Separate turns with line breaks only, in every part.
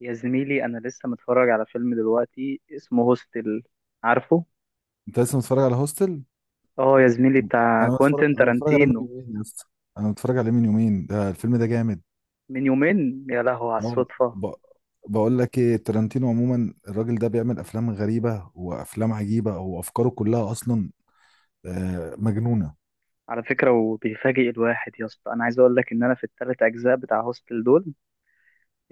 يا زميلي انا لسه متفرج على فيلم دلوقتي اسمه هوستل. عارفه؟
انت لسه متفرج على هوستل؟
اه يا زميلي، بتاع
انا متفرج
كوينتين
انا متفرج عليه من
تارانتينو.
يومين يا اسطى. انا متفرج عليه من يومين، ده الفيلم ده جامد.
من يومين يا لهو على
اه
الصدفة.
ب... بقول لك ايه، تارانتينو عموما الراجل ده بيعمل افلام غريبه وافلام عجيبه وافكاره كلها اصلا مجنونه.
على فكرة وبيفاجئ الواحد يا اسطى، انا عايز اقول لك ان انا في الثلاث اجزاء بتاع هوستل دول،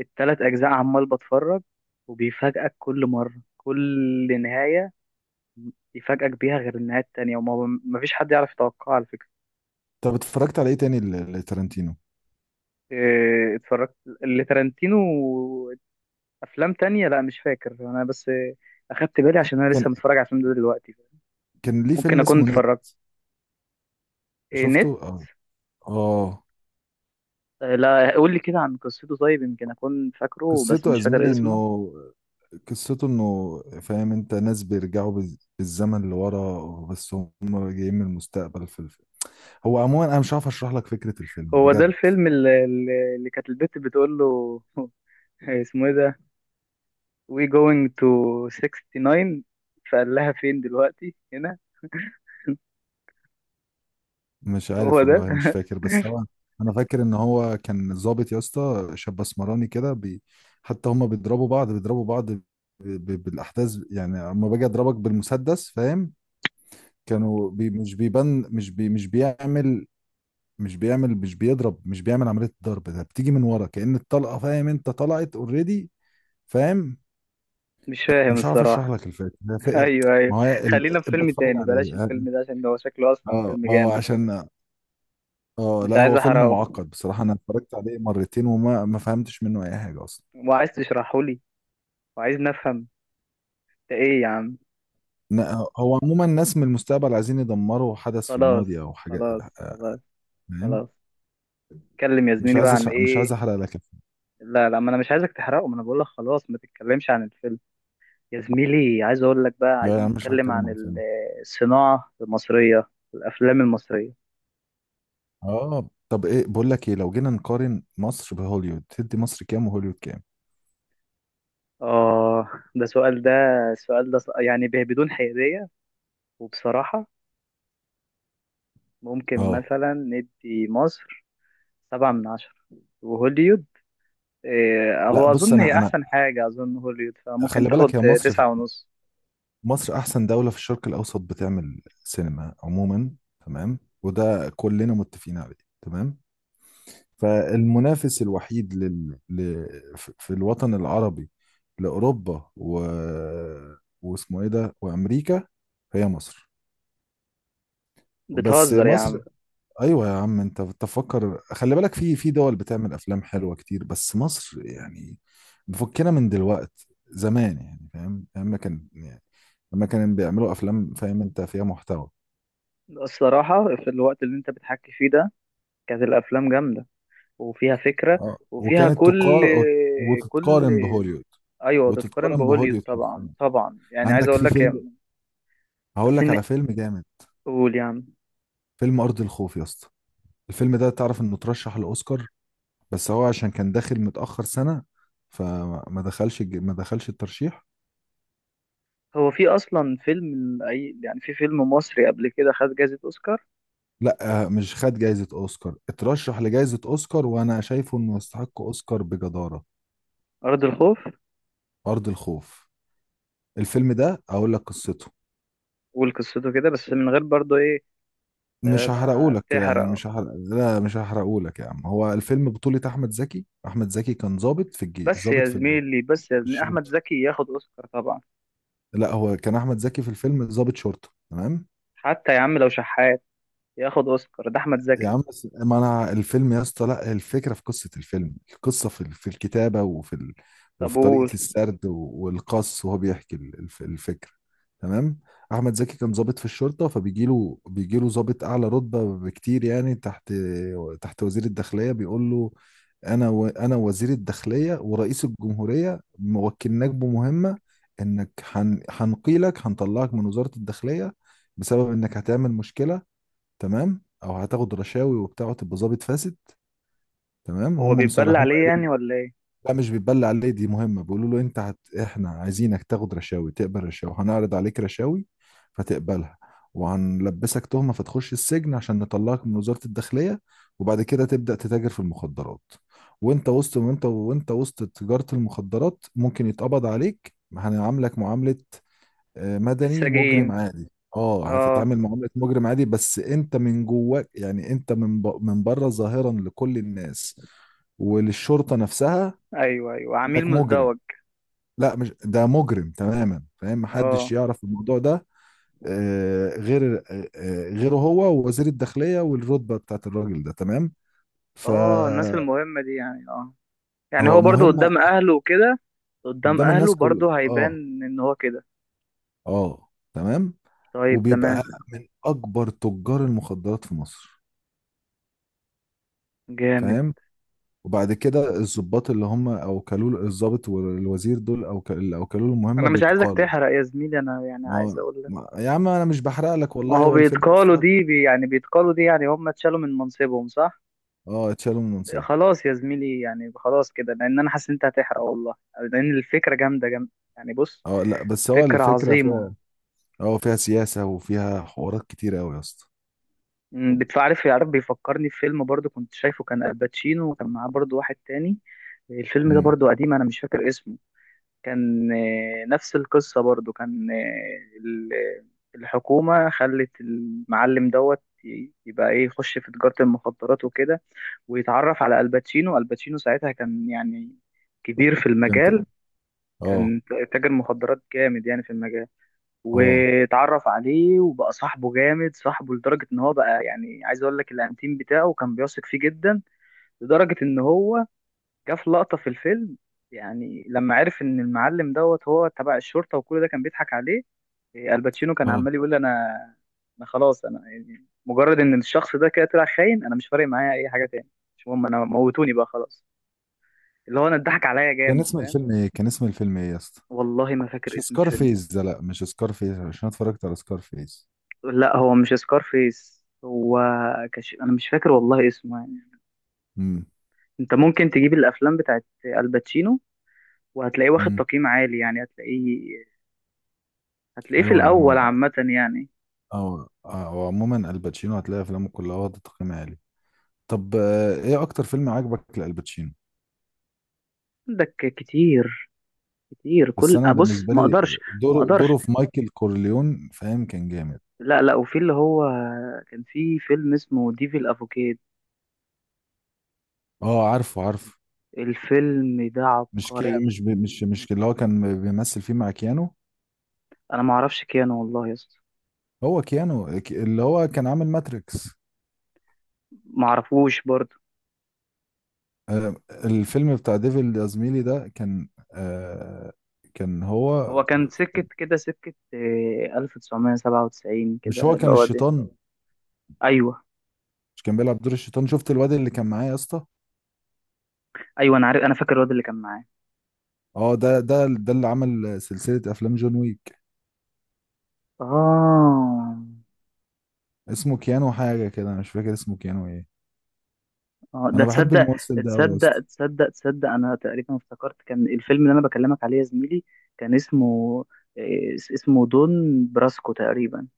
الثلاث اجزاء عمال بتفرج، وبيفاجئك كل مرة، كل نهاية يفاجئك بيها غير النهاية التانية، وما مفيش حد يعرف يتوقعها على فكرة.
طب اتفرجت على ايه تاني لتارانتينو؟
اتفرجت اللي تارانتينو افلام تانية، لا مش فاكر انا، بس اخدت بالي عشان انا
كان
لسه متفرج على الفيلم ده دلوقتي.
كان ليه
ممكن
فيلم
اكون
اسمه نت.
اتفرجت. إيه
شفته؟
نت؟
اه، اه.
لا قول لي كده عن قصته، طيب يمكن اكون فاكره بس
قصته يا
مش فاكر
زميلي انه
اسمه.
قصته انه فاهم، انت ناس بيرجعوا بالزمن لورا، بس هم جايين من المستقبل هو عموما انا مش عارف اشرح لك فكره الفيلم
هو ده
بجد.
الفيلم اللي كانت البت بتقول له اسمه ايه ده we going to 69، فقال لها فين دلوقتي هنا.
مش
هو
عارف
ده
والله، مش فاكر بس هو انا فاكر ان هو كان ضابط يا اسطى، شاب اسمراني كده حتى هما بيضربوا بعض، بالاحداث يعني، اما باجي اضربك بالمسدس، فاهم؟ مش بيبان، مش بي... مش بيعمل مش بيعمل مش بيضرب مش بيعمل عمليه الضرب، ده بتيجي من ورا كأن الطلقه، فاهم انت؟ طلعت اوريدي. فاهم؟
مش فاهم
مش عارف اشرح
الصراحة.
لك الفكره، هي
ايوه ايوه.
ما هو
خلينا في فيلم
بتفرج
تاني،
عليه.
بلاش الفيلم ده، عشان ده هو شكله اصلا
اه،
فيلم
اه
جامد.
عشان اه
مش
لا،
عايز
هو فيلم
احرقه
معقد بصراحة، انا اتفرجت عليه مرتين وما ما فهمتش منه اي حاجة اصلا.
وعايز تشرحه وعايزني افهم، ده ايه يا عم؟
ن- هو عموما الناس من المستقبل عايزين يدمروا حدث في
خلاص
الماضي او حاجة.
خلاص
آه،
خلاص
فاهم.
خلاص. اتكلم يا
مش
زميلي بقى
عايز
عن
مش
ايه؟
عايز احرق لك الفيلم.
لا لا، ما انا مش عايزك تحرقه، ما انا بقول لك خلاص، ما تتكلمش عن الفيلم. يا زميلي عايز اقول لك بقى،
لا،
عايزين
يعني مش
نتكلم
هتكلم
عن
عن فيلم.
الصناعة المصرية، الافلام المصرية.
اه طب، ايه بقول لك ايه، لو جينا نقارن مصر بهوليوود تدي مصر كام وهوليوود كام؟
اه ده سؤال، ده السؤال ده بدون حيادية وبصراحة. ممكن
اه
مثلا ندي مصر 7 من 10، وهوليود،
لا
هو
بص،
أظن
انا
هي
انا
أحسن حاجة، أظن هوليود فممكن
خلي
تاخد
بالك، هي مصر،
9 ونص.
مصر احسن دولة في الشرق الاوسط بتعمل سينما عموما، تمام؟ وده كلنا متفقين عليه، تمام. فالمنافس الوحيد في الوطن العربي لأوروبا واسمه ايه ده وأمريكا، هي مصر. بس
بتهزر يا
مصر.
عم.
ايوه يا عم، انت تفكر خلي بالك، في دول بتعمل افلام حلوه كتير، بس مصر يعني مفكنا من دلوقت زمان يعني، فاهم؟ لما كان يعني لما كانوا بيعملوا افلام، فاهم انت، فيها محتوى.
الصراحة في الوقت اللي انت بتحكي فيه ده كانت الأفلام جامدة وفيها فكرة
اه،
وفيها
وكانت
كل
تقار
كل
وتتقارن بهوليوود.
أيوة تتقارن
وتتقارن
بهوليوود
بهوليوود
طبعا
حرفيا.
طبعا، يعني عايز
عندك
أقول
في
لك يا-
فيلم، هقول
بس
لك
إن
على فيلم جامد.
قول يا عم.
فيلم أرض الخوف يا اسطى، الفيلم ده تعرف انه ترشح لأوسكار، بس هو عشان كان داخل متأخر سنة، فما دخلش ما دخلش الترشيح.
هو في أصلا فيلم، أي يعني في فيلم مصري قبل كده خد جائزة أوسكار؟
لا مش خد جايزة أوسكار، اترشح لجايزة أوسكار، وأنا شايفه انه يستحق أوسكار بجدارة.
أرض الخوف.
أرض الخوف. الفيلم ده أقول لك قصته.
والقصته كده بس من غير برضه إيه.
مش
ما
هحرقهولك يعني،
تحرق.
مش هحرق، لا مش هحرقهولك يا عم. هو الفيلم بطولة أحمد زكي، أحمد زكي كان ضابط
بس
ضابط
يا زميلي، بس يا
في
زميلي أحمد
الشرطة.
زكي ياخد أوسكار طبعا.
لا هو كان أحمد زكي في الفيلم ضابط شرطة، تمام.
حتى يا عم لو شحات ياخد أوسكار، ده أحمد
يا
زكي.
عم بس، ما انا الفيلم يا اسطى، لا الفكره في قصه الفيلم، القصه في الكتابه وفي
طب قول.
طريقه السرد والقص، وهو بيحكي الفكره، تمام؟ احمد زكي كان ضابط في الشرطه، فبيجي له بيجي له ضابط اعلى رتبه بكتير، يعني تحت وزير الداخليه بيقول له: انا انا وزير الداخليه ورئيس الجمهوريه موكلناك بمهمه، انك هنقيلك، هنطلعك من وزاره الداخليه بسبب انك هتعمل مشكله، تمام؟ او هتاخد رشاوي وبتاع وتبقى ظابط فاسد، تمام؟
هو
هم
بيتبلى
مصرح، هم
عليه يعني
قالوا.
ولا ايه؟
لا مش بتبلع ليه، دي مهمه. بيقولوا له: انت احنا عايزينك تاخد رشاوي، تقبل رشاوي، هنعرض عليك رشاوي فتقبلها، وهنلبسك تهمه فتخش السجن عشان نطلعك من وزاره الداخليه، وبعد كده تبدا تتاجر في المخدرات، وانت وسط، وانت وسط تجاره المخدرات ممكن يتقبض عليك، هنعاملك معامله مدني مجرم
السجين.
عادي. اه
اه
هتتعامل معاملة مجرم عادي، بس انت من جواك يعني، انت من بره ظاهرا لكل الناس وللشرطة نفسها،
ايوه ايوه، عميل
انك مجرم.
مزدوج.
لا مش ده، مجرم تماما، فاهم؟ محدش
اه
يعرف الموضوع ده غير غيره هو ووزير الداخلية والرتبة بتاعت الراجل ده، تمام.
اه، الناس
فهو
المهمة دي يعني اه. يعني هو برضو
مهمة
قدام اهله وكده، قدام
قدام الناس
اهله
كل،
برضو هيبان
اه،
ان هو كده.
اه، تمام.
طيب
وبيبقى
تمام.
من اكبر تجار المخدرات في مصر،
جامد.
فاهم؟ وبعد كده الضباط اللي هم الضابط والوزير دول او اللي اوكلوا له المهمه
انا مش عايزك
بيتقالوا.
تحرق يا زميلي، انا يعني عايز اقول لك،
يا عم انا مش بحرق لك
ما
والله،
هو
هو الفيلم
بيتقالوا
يستحق.
دي بي يعني بيتقالوا دي، يعني هم اتشالوا من منصبهم صح؟
اه، اتشالوا من منصبه.
خلاص يا زميلي، يعني خلاص كده، لان انا حاسس ان انت هتحرق والله، لان الفكرة جامدة يعني. بص،
اه لا بس هو
فكرة
الفكره
عظيمة.
فيها، اه فيها سياسه وفيها حوارات كتير قوي يا اسطى.
بتعرف يعرف بيفكرني في فيلم برضو كنت شايفه، كان الباتشينو وكان معاه برضو واحد تاني. الفيلم ده
امم،
برضو قديم انا مش فاكر اسمه. كان نفس القصة برضو، كان الحكومة خلت المعلم دوت يبقى ايه، يخش في تجارة المخدرات وكده، ويتعرف على الباتشينو. الباتشينو ساعتها كان يعني كبير في
فهمت.
المجال،
اه،
كان تاجر مخدرات جامد يعني في المجال.
اه،
واتعرف عليه وبقى صاحبه جامد، صاحبه لدرجة ان هو بقى يعني عايز اقول لك الانتيم بتاعه، كان بيثق فيه جدا لدرجة ان هو جه في لقطة في الفيلم، يعني لما عرف ان المعلم دوت هو تبع الشرطة وكل ده كان بيضحك عليه. الباتشينو كان
اه.
عمال يقول: انا، انا خلاص انا يعني، مجرد ان الشخص ده كده طلع خاين، انا مش فارق معايا اي حاجة تاني، مش مهم، انا موتوني بقى خلاص. اللي هو انا اتضحك عليا
كان
جامد،
اسم
فاهم.
الفيلم ايه، كان اسم الفيلم ايه يا اسطى؟
والله ما فاكر
مش
اسم
سكار
الفيلم.
فيس ده؟ لا مش سكار فيس، عشان أنا اتفرجت على سكار فيس.
لا هو مش سكارفيس، هو انا مش فاكر والله اسمه يعني.
امم،
انت ممكن تجيب الافلام بتاعت الباتشينو وهتلاقيه واخد
امم.
تقييم عالي، يعني هتلاقيه، هتلاقيه في
ايوه يا عم،
الاول عامه يعني.
اه وعموما الباتشينو هتلاقي افلامه كلها واخده تقييم عالي. طب ايه اكتر فيلم عجبك لالباتشينو؟
عندك كتير، كتير
بس
كل
انا
ابص
بالنسبه
ما
لي،
اقدرش، ما
دوره
اقدرش.
دوره في مايكل كورليون، فاهم؟ كان جامد.
لا لا، وفي اللي هو كان في فيلم اسمه ديفل افوكيد،
اه عارفه، عارفه.
الفيلم ده
مش كي
عبقري.
مش بي- مش مش اللي هو كان بيمثل فيه مع كيانو؟
انا ما اعرفش كيانو والله يا اسطى.
هو كيانو اللي هو كان عامل ماتريكس.
ما اعرفوش برضه.
آه، الفيلم بتاع ديفيد يا زميلي ده كان كان
هو
هو،
كان سكة كده، سكة 1997 كده
مش هو
اللي
كان
هو.
الشيطان؟
ايوه
مش كان بيلعب دور الشيطان؟ شفت الواد اللي كان معايا يا اسطى؟
ايوه، انا عارف، انا فاكر الواد اللي كان معاه.
اه ده اللي عمل سلسله افلام جون ويك.
اه
اسمه كيانو حاجه كده، أنا مش فاكر اسمه كيانو ايه.
اه، ده
انا بحب
تصدق،
الممثل ده قوي يا
تصدق
اسطى.
تصدق تصدق انا تقريبا افتكرت. كان الفيلم اللي انا بكلمك عليه يا زميلي كان اسمه اسمه دون براسكو تقريبا،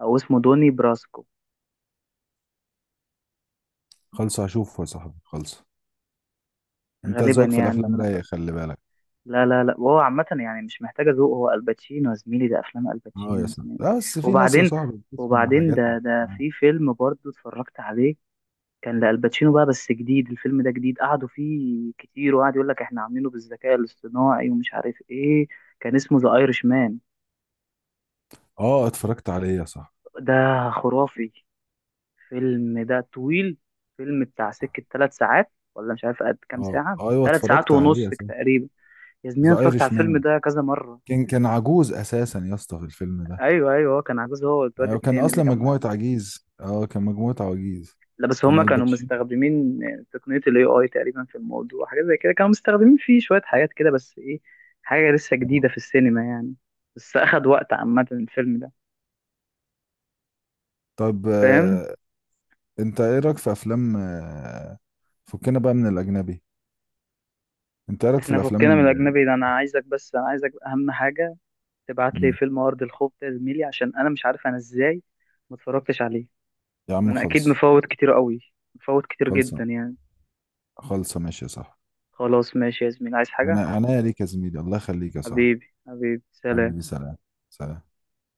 او اسمه دوني براسكو.
خلص هشوفه يا صاحبي، خلص. انت
غالبا
ذوقك في
يعني اللي
الافلام
انا
رايق،
فاكر.
خلي بالك.
لا، وهو عامة يعني مش محتاجة ذوق، هو الباتشينو يا زميلي، ده افلام
اه
الباتشينو
يا
يا
صاحبي،
زميلي.
بس في ناس يا
وبعدين
صاحبي بتسمع
وبعدين
حاجات ما
ده في
بتسمعهاش.
فيلم برضه اتفرجت عليه، كان لالباتشينو بقى بس جديد. الفيلم ده جديد، قعدوا فيه كتير وقعد يقول لك احنا عاملينه بالذكاء الاصطناعي ومش عارف ايه. كان اسمه ذا ايرش مان،
اه اتفرجت عليه يا صاحبي.
ده خرافي. فيلم ده طويل، فيلم بتاع سكة 3 ساعات، ولا مش عارف قد كام
اه
ساعة،
ايوه
ثلاث ساعات
اتفرجت عليه
ونص
يا صاحبي.
تقريبا. يا زميلي أنا
ذا
اتفرجت على
ايرش
الفيلم
مان،
ده كذا مرة.
كان عجوز اساسا يا اسطى في الفيلم ده.
ايوه ايوه، هو كان عجوز هو والواد
ايوه كان
التاني اللي
اصلا مجموعه
كان.
عجيز، اه كان مجموعه عجيز،
لا بس
كان
هما كانوا
الباتشينو.
مستخدمين تقنية ال AI تقريبا في الموضوع، حاجة زي كده، كانوا مستخدمين فيه شوية حاجات كده، بس ايه، حاجة لسه
اه
جديدة في السينما يعني. بس أخد وقت عامة الفيلم ده،
طب
فاهم.
انت ايه رايك في افلام فكنا بقى من الاجنبي. انت ايه رايك في
احنا
الافلام
فكنا من
ال...؟
الأجنبي ده، أنا عايزك، بس أنا عايزك أهم حاجة تبعت لي
مم.
فيلم أرض الخوف ده يا زميلي، عشان أنا مش عارف أنا ازاي ما اتفرجتش عليه.
يا عم
أنا أكيد
خلص.
مفوت كتير قوي، مفوت كتير
خلص.
جدا يعني.
خلصة، ماشي يا صاحبي.
خلاص ماشي يا زميلي، عايز حاجة؟
انا ليك يا زميلي، الله يخليك يا صاحبي.
حبيبي حبيبي
حبيبي
سلام.
سلام. سلام.